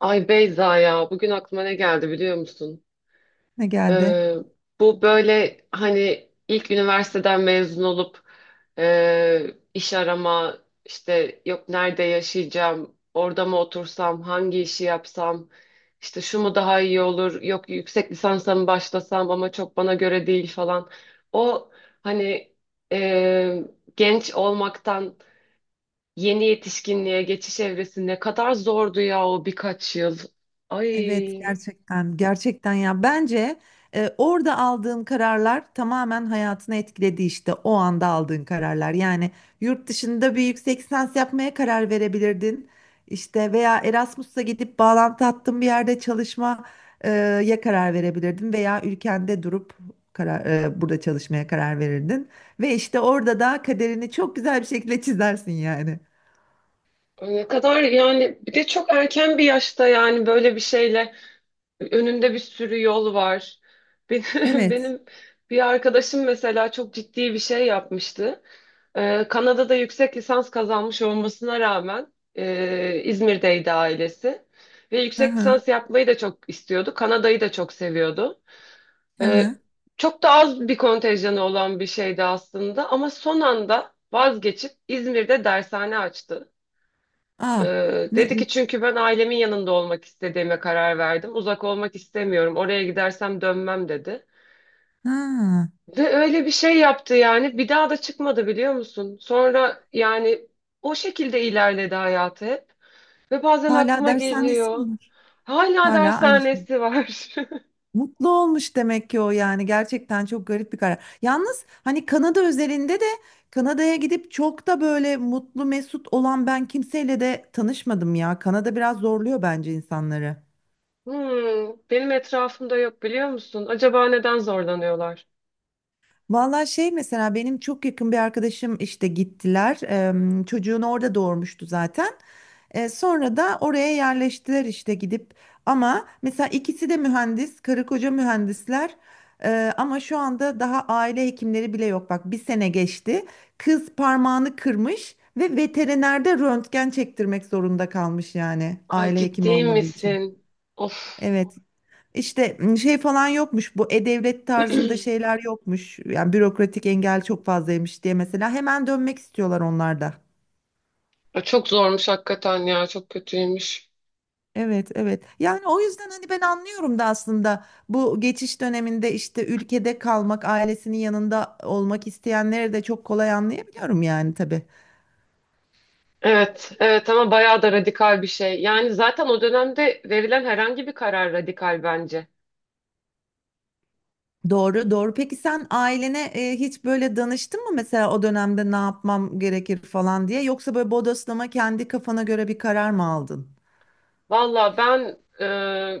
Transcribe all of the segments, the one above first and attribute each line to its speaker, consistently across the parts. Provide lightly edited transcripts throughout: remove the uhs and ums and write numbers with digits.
Speaker 1: Ay Beyza ya bugün aklıma ne geldi biliyor musun?
Speaker 2: Ne geldi?
Speaker 1: Ee, Bu böyle hani ilk üniversiteden mezun olup e, iş arama işte yok nerede yaşayacağım orada mı otursam hangi işi yapsam işte şu mu daha iyi olur yok yüksek lisansa mı başlasam ama çok bana göre değil falan. O hani e, genç olmaktan yeni yetişkinliğe geçiş evresi ne kadar zordu ya o birkaç yıl.
Speaker 2: Evet,
Speaker 1: Ay
Speaker 2: gerçekten gerçekten ya bence, orada aldığın kararlar tamamen hayatını etkiledi işte o anda aldığın kararlar. Yani yurt dışında bir yüksek lisans yapmaya karar verebilirdin. İşte veya Erasmus'a gidip bağlantı hattın bir yerde çalışmaya karar verebilirdin veya ülkende durup burada çalışmaya karar verirdin. Ve işte orada da kaderini çok güzel bir şekilde çizersin yani.
Speaker 1: ne kadar yani bir de çok erken bir yaşta yani böyle bir şeyle önünde bir sürü yol var. Benim,
Speaker 2: Evet.
Speaker 1: benim bir arkadaşım mesela çok ciddi bir şey yapmıştı. Kanada'da yüksek lisans kazanmış olmasına rağmen İzmir'deydi ailesi. Ve
Speaker 2: Hı
Speaker 1: yüksek
Speaker 2: hı.
Speaker 1: lisans yapmayı da çok istiyordu. Kanada'yı da çok seviyordu.
Speaker 2: Hı
Speaker 1: Ee,
Speaker 2: hı.
Speaker 1: Çok da az bir kontenjanı olan bir şeydi aslında ama son anda vazgeçip İzmir'de dershane açtı.
Speaker 2: Ah.
Speaker 1: Dedi ki çünkü ben ailemin yanında olmak istediğime karar verdim. Uzak olmak istemiyorum. Oraya gidersem dönmem dedi.
Speaker 2: Ha,
Speaker 1: Ve öyle bir şey yaptı yani. Bir daha da çıkmadı biliyor musun? Sonra yani o şekilde ilerledi hayatı hep. Ve bazen
Speaker 2: hala
Speaker 1: aklıma
Speaker 2: dershanesi mi
Speaker 1: geliyor.
Speaker 2: var?
Speaker 1: Hala
Speaker 2: Hala aynı şey.
Speaker 1: dershanesi var.
Speaker 2: Mutlu olmuş demek ki o, yani gerçekten çok garip bir karar. Yalnız hani Kanada özelinde de Kanada'ya gidip çok da böyle mutlu mesut olan ben kimseyle de tanışmadım ya. Kanada biraz zorluyor bence insanları.
Speaker 1: Hmm, Benim etrafımda yok biliyor musun? Acaba neden zorlanıyorlar?
Speaker 2: Vallahi şey mesela benim çok yakın bir arkadaşım işte gittiler. Çocuğunu orada doğurmuştu zaten. Sonra da oraya yerleştiler işte gidip. Ama mesela ikisi de mühendis, karı koca mühendisler. Ama şu anda daha aile hekimleri bile yok. Bak bir sene geçti. Kız parmağını kırmış ve veterinerde röntgen çektirmek zorunda kalmış yani
Speaker 1: Ay
Speaker 2: aile hekimi
Speaker 1: ciddi
Speaker 2: olmadığı için.
Speaker 1: misin? Of.
Speaker 2: Evet. İşte şey falan yokmuş, bu e-devlet tarzında şeyler yokmuş. Yani bürokratik engel çok fazlaymış diye mesela hemen dönmek istiyorlar onlar da.
Speaker 1: Ay, çok zormuş hakikaten ya. Çok kötüymüş.
Speaker 2: Evet, evet yani o yüzden hani ben anlıyorum da aslında bu geçiş döneminde işte ülkede kalmak, ailesinin yanında olmak isteyenleri de çok kolay anlayabiliyorum yani tabii.
Speaker 1: Evet, evet ama bayağı da radikal bir şey. Yani zaten o dönemde verilen herhangi bir karar radikal bence.
Speaker 2: Doğru doğru, peki sen ailene hiç böyle danıştın mı mesela o dönemde ne yapmam gerekir falan diye, yoksa böyle bodoslama kendi kafana göre bir karar mı aldın?
Speaker 1: Valla ben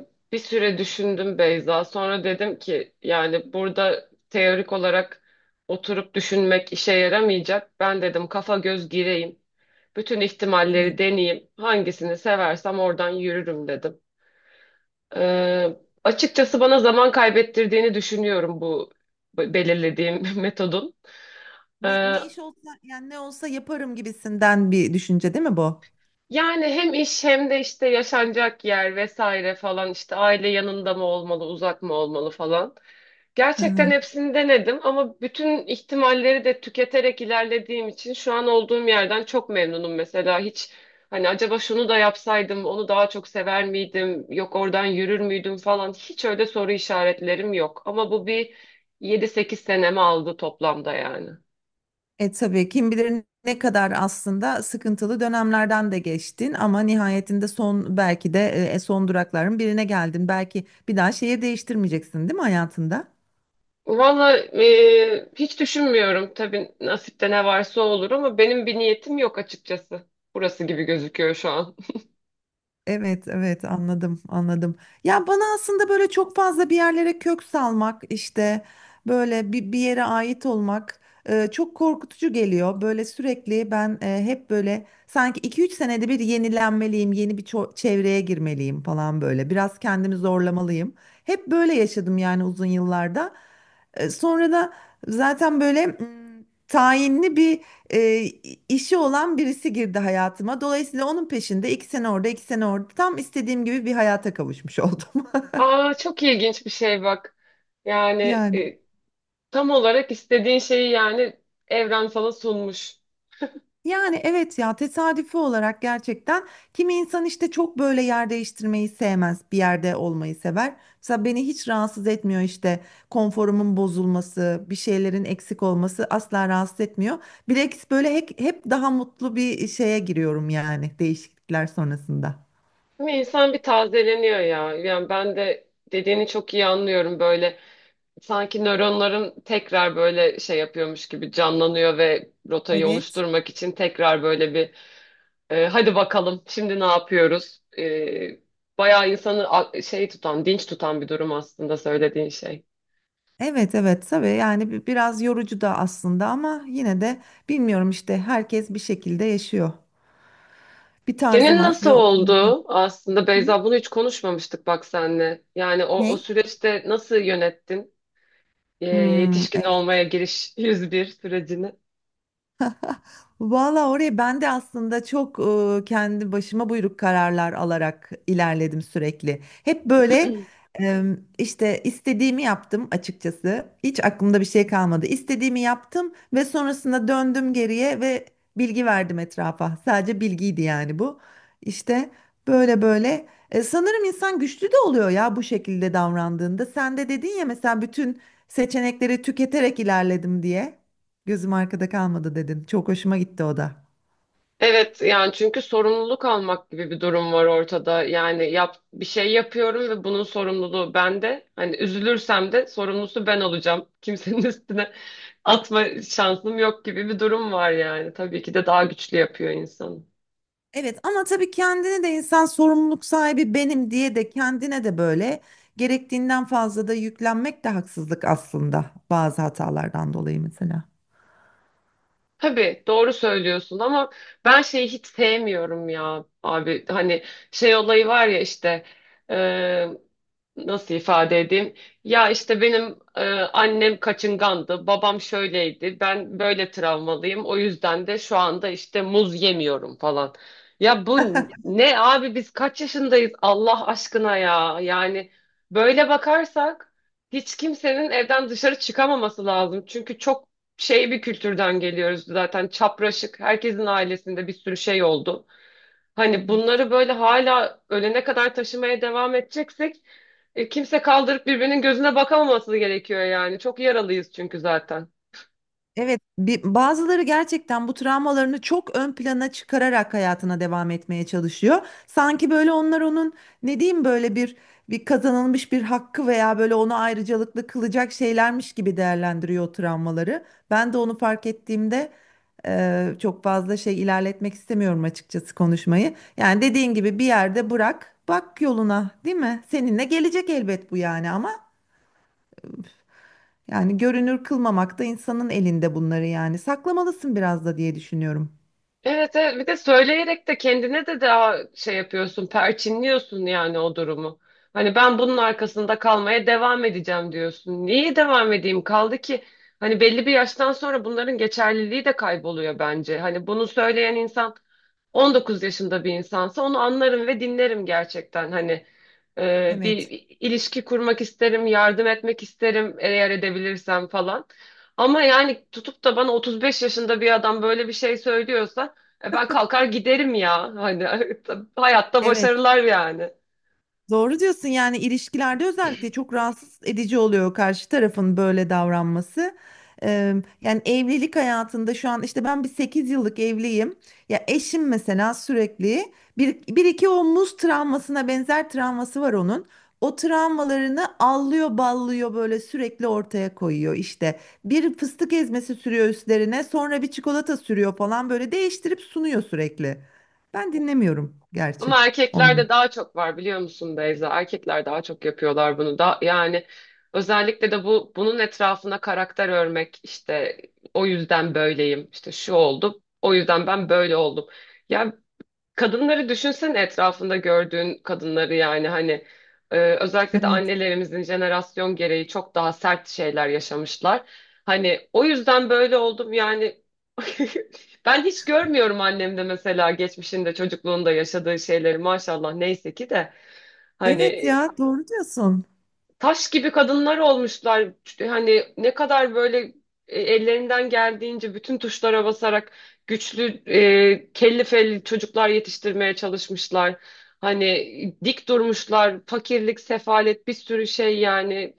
Speaker 1: e, bir süre düşündüm Beyza. Sonra dedim ki yani burada teorik olarak oturup düşünmek işe yaramayacak. Ben dedim kafa göz gireyim. Bütün ihtimalleri deneyeyim. Hangisini seversem oradan yürürüm dedim. Ee, Açıkçası bana zaman kaybettirdiğini düşünüyorum bu belirlediğim metodun.
Speaker 2: Ne,
Speaker 1: Ee,
Speaker 2: ne iş olsa yani, ne olsa yaparım gibisinden bir düşünce değil mi bu?
Speaker 1: Yani hem iş hem de işte yaşanacak yer vesaire falan işte aile yanında mı olmalı, uzak mı olmalı falan.
Speaker 2: Hı
Speaker 1: Gerçekten
Speaker 2: hı.
Speaker 1: hepsini denedim ama bütün ihtimalleri de tüketerek ilerlediğim için şu an olduğum yerden çok memnunum mesela. Hiç hani acaba şunu da yapsaydım onu daha çok sever miydim? Yok oradan yürür müydüm falan. Hiç öyle soru işaretlerim yok. Ama bu bir yedi sekiz senemi aldı toplamda yani.
Speaker 2: E tabii kim bilir ne kadar aslında sıkıntılı dönemlerden de geçtin ama nihayetinde son belki de son durakların birine geldin. Belki bir daha şehir değiştirmeyeceksin değil mi hayatında?
Speaker 1: Valla hiç düşünmüyorum. Tabii nasipte ne varsa olur ama benim bir niyetim yok açıkçası. Burası gibi gözüküyor şu an.
Speaker 2: Evet, evet anladım, anladım. Ya bana aslında böyle çok fazla bir yerlere kök salmak, işte böyle bir yere ait olmak çok korkutucu geliyor. Böyle sürekli ben hep böyle sanki 2-3 senede bir yenilenmeliyim, yeni bir çevreye girmeliyim falan böyle. Biraz kendimi zorlamalıyım. Hep böyle yaşadım yani uzun yıllarda. Sonra da zaten böyle tayinli bir e, işi olan birisi girdi hayatıma. Dolayısıyla onun peşinde iki sene orada, iki sene orada tam istediğim gibi bir hayata kavuşmuş oldum.
Speaker 1: Aa çok ilginç bir şey bak. Yani
Speaker 2: Yani.
Speaker 1: tam olarak istediğin şeyi yani evren sana sunmuş.
Speaker 2: Yani evet ya, tesadüfi olarak gerçekten kimi insan işte çok böyle yer değiştirmeyi sevmez, bir yerde olmayı sever. Mesela beni hiç rahatsız etmiyor, işte konforumun bozulması, bir şeylerin eksik olması asla rahatsız etmiyor. Bilakis böyle hep daha mutlu bir şeye giriyorum yani değişiklikler sonrasında.
Speaker 1: Ama insan bir tazeleniyor ya. Yani ben de dediğini çok iyi anlıyorum böyle. Sanki nöronların tekrar böyle şey yapıyormuş gibi canlanıyor ve rotayı
Speaker 2: Evet.
Speaker 1: oluşturmak için tekrar böyle bir hadi bakalım şimdi ne yapıyoruz? Bayağı insanı şey tutan, dinç tutan bir durum aslında söylediğin şey.
Speaker 2: Evet evet tabii yani biraz yorucu da aslında ama yine de bilmiyorum işte, herkes bir şekilde yaşıyor. Bir tarzı
Speaker 1: Senin
Speaker 2: var
Speaker 1: nasıl
Speaker 2: ve o tarzı...
Speaker 1: oldu aslında
Speaker 2: Hı?
Speaker 1: Beyza bunu hiç konuşmamıştık bak senle. Yani o
Speaker 2: Ne?
Speaker 1: süreçte nasıl yönettin?
Speaker 2: Hmm.
Speaker 1: Yetişkin olmaya giriş 101 sürecini.
Speaker 2: Valla oraya ben de aslında çok kendi başıma buyruk kararlar alarak ilerledim sürekli. Hep böyle e, işte istediğimi yaptım açıkçası. Hiç aklımda bir şey kalmadı. İstediğimi yaptım ve sonrasında döndüm geriye ve bilgi verdim etrafa. Sadece bilgiydi yani bu. İşte böyle böyle. Sanırım insan güçlü de oluyor ya bu şekilde davrandığında. Sen de dedin ya mesela bütün seçenekleri tüketerek ilerledim diye. Gözüm arkada kalmadı dedin. Çok hoşuma gitti o da.
Speaker 1: Evet yani çünkü sorumluluk almak gibi bir durum var ortada. Yani yap bir şey yapıyorum ve bunun sorumluluğu bende. Hani üzülürsem de sorumlusu ben olacağım. Kimsenin üstüne atma şansım yok gibi bir durum var yani. Tabii ki de daha güçlü yapıyor insanı.
Speaker 2: Evet ama tabii kendini de insan sorumluluk sahibi benim diye de kendine de böyle gerektiğinden fazla da yüklenmek de haksızlık aslında bazı hatalardan dolayı mesela.
Speaker 1: Tabii doğru söylüyorsun ama ben şeyi hiç sevmiyorum ya abi. Hani şey olayı var ya işte nasıl ifade edeyim? Ya işte benim annem kaçıngandı, babam şöyleydi, ben böyle travmalıyım. O yüzden de şu anda işte muz yemiyorum falan. Ya bu ne abi biz kaç yaşındayız Allah aşkına ya. Yani böyle bakarsak hiç kimsenin evden dışarı çıkamaması lazım. Çünkü çok şey bir kültürden geliyoruz zaten çapraşık. Herkesin ailesinde bir sürü şey oldu. Hani
Speaker 2: Evet.
Speaker 1: bunları böyle hala ölene kadar taşımaya devam edeceksek kimse kaldırıp birbirinin gözüne bakamaması gerekiyor yani. Çok yaralıyız çünkü zaten.
Speaker 2: Evet, bazıları gerçekten bu travmalarını çok ön plana çıkararak hayatına devam etmeye çalışıyor. Sanki böyle onlar onun, ne diyeyim, böyle bir bir kazanılmış bir hakkı veya böyle onu ayrıcalıklı kılacak şeylermiş gibi değerlendiriyor o travmaları. Ben de onu fark ettiğimde çok fazla şey ilerletmek istemiyorum açıkçası konuşmayı. Yani dediğin gibi bir yerde bırak, bak yoluna, değil mi? Seninle gelecek elbet bu yani ama. Yani görünür kılmamak da insanın elinde bunları yani. Saklamalısın biraz da diye düşünüyorum.
Speaker 1: Evet, evet bir de söyleyerek de kendine de daha şey yapıyorsun, perçinliyorsun yani o durumu. Hani ben bunun arkasında kalmaya devam edeceğim diyorsun. Niye devam edeyim? Kaldı ki hani belli bir yaştan sonra bunların geçerliliği de kayboluyor bence. Hani bunu söyleyen insan 19 yaşında bir insansa onu anlarım ve dinlerim gerçekten. Hani
Speaker 2: Evet.
Speaker 1: bir ilişki kurmak isterim, yardım etmek isterim eğer edebilirsem falan. Ama yani tutup da bana 35 yaşında bir adam böyle bir şey söylüyorsa ben kalkar giderim ya. Hani hayatta
Speaker 2: Evet.
Speaker 1: başarılar yani.
Speaker 2: Doğru diyorsun yani ilişkilerde özellikle çok rahatsız edici oluyor karşı tarafın böyle davranması. Eee, Yani evlilik hayatında şu an işte ben bir 8 yıllık evliyim. Ya eşim mesela sürekli bir iki o muz travmasına benzer travması var onun. O travmalarını allıyor ballıyor böyle sürekli ortaya koyuyor işte. Bir fıstık ezmesi sürüyor üstlerine, sonra bir çikolata sürüyor falan, böyle değiştirip sunuyor sürekli. Ben dinlemiyorum gerçi
Speaker 1: Ama
Speaker 2: onu.
Speaker 1: erkeklerde daha çok var biliyor musun Beyza? Erkekler daha çok yapıyorlar bunu da yani özellikle de bunun etrafına karakter örmek işte o yüzden böyleyim işte şu oldu o yüzden ben böyle oldum. Ya kadınları düşünsene etrafında gördüğün kadınları yani hani özellikle de
Speaker 2: Evet.
Speaker 1: annelerimizin jenerasyon gereği çok daha sert şeyler yaşamışlar. Hani o yüzden böyle oldum yani ben hiç görmüyorum annemde mesela geçmişinde çocukluğunda yaşadığı şeyleri maşallah neyse ki de
Speaker 2: Evet
Speaker 1: hani
Speaker 2: ya, doğru diyorsun.
Speaker 1: taş gibi kadınlar olmuşlar. Hani ne kadar böyle ellerinden geldiğince bütün tuşlara basarak güçlü, kelli felli çocuklar yetiştirmeye çalışmışlar. Hani dik durmuşlar, fakirlik, sefalet bir sürü şey yani.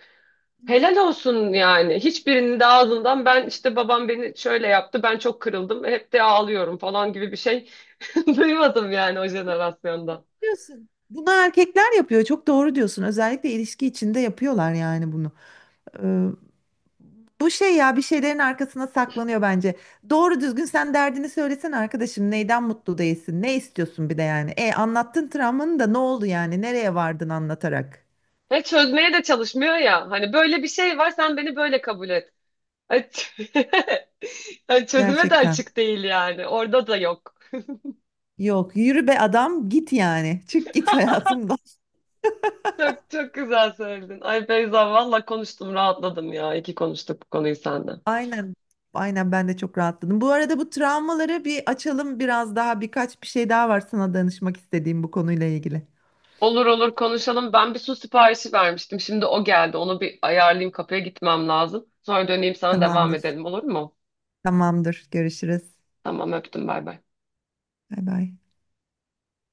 Speaker 2: Evet,
Speaker 1: Helal olsun yani. Hiçbirinin de ağzından ben işte babam beni şöyle yaptı, ben çok kırıldım, hep de ağlıyorum falan gibi bir şey duymadım yani o jenerasyonda.
Speaker 2: diyorsun? Bunu erkekler yapıyor. Çok doğru diyorsun. Özellikle ilişki içinde yapıyorlar yani bunu. Ee, Bu şey ya, bir şeylerin arkasına saklanıyor bence. Doğru düzgün sen derdini söylesen arkadaşım, neyden mutlu değilsin? Ne istiyorsun bir de yani? E anlattın travmanı da, ne oldu yani? Nereye vardın anlatarak?
Speaker 1: Hiç çözmeye de çalışmıyor ya. Hani böyle bir şey var, sen beni böyle kabul et. Ay, yani çözüme de
Speaker 2: Gerçekten.
Speaker 1: açık değil yani. Orada da yok.
Speaker 2: Yok yürü be adam git yani. Çık git hayatımdan.
Speaker 1: Çok çok güzel söyledin. Ay Beyza valla konuştum rahatladım ya. İyi ki konuştuk bu konuyu senden.
Speaker 2: Aynen. Aynen ben de çok rahatladım. Bu arada bu travmaları bir açalım biraz daha, birkaç bir şey daha var sana danışmak istediğim bu konuyla ilgili.
Speaker 1: Olur olur konuşalım. Ben bir su siparişi vermiştim. Şimdi o geldi. Onu bir ayarlayayım. Kapıya gitmem lazım. Sonra döneyim sana
Speaker 2: Tamam.
Speaker 1: devam
Speaker 2: Tamamdır.
Speaker 1: edelim olur mu?
Speaker 2: Tamamdır. Görüşürüz.
Speaker 1: Tamam öptüm bay bay.
Speaker 2: Bay bay.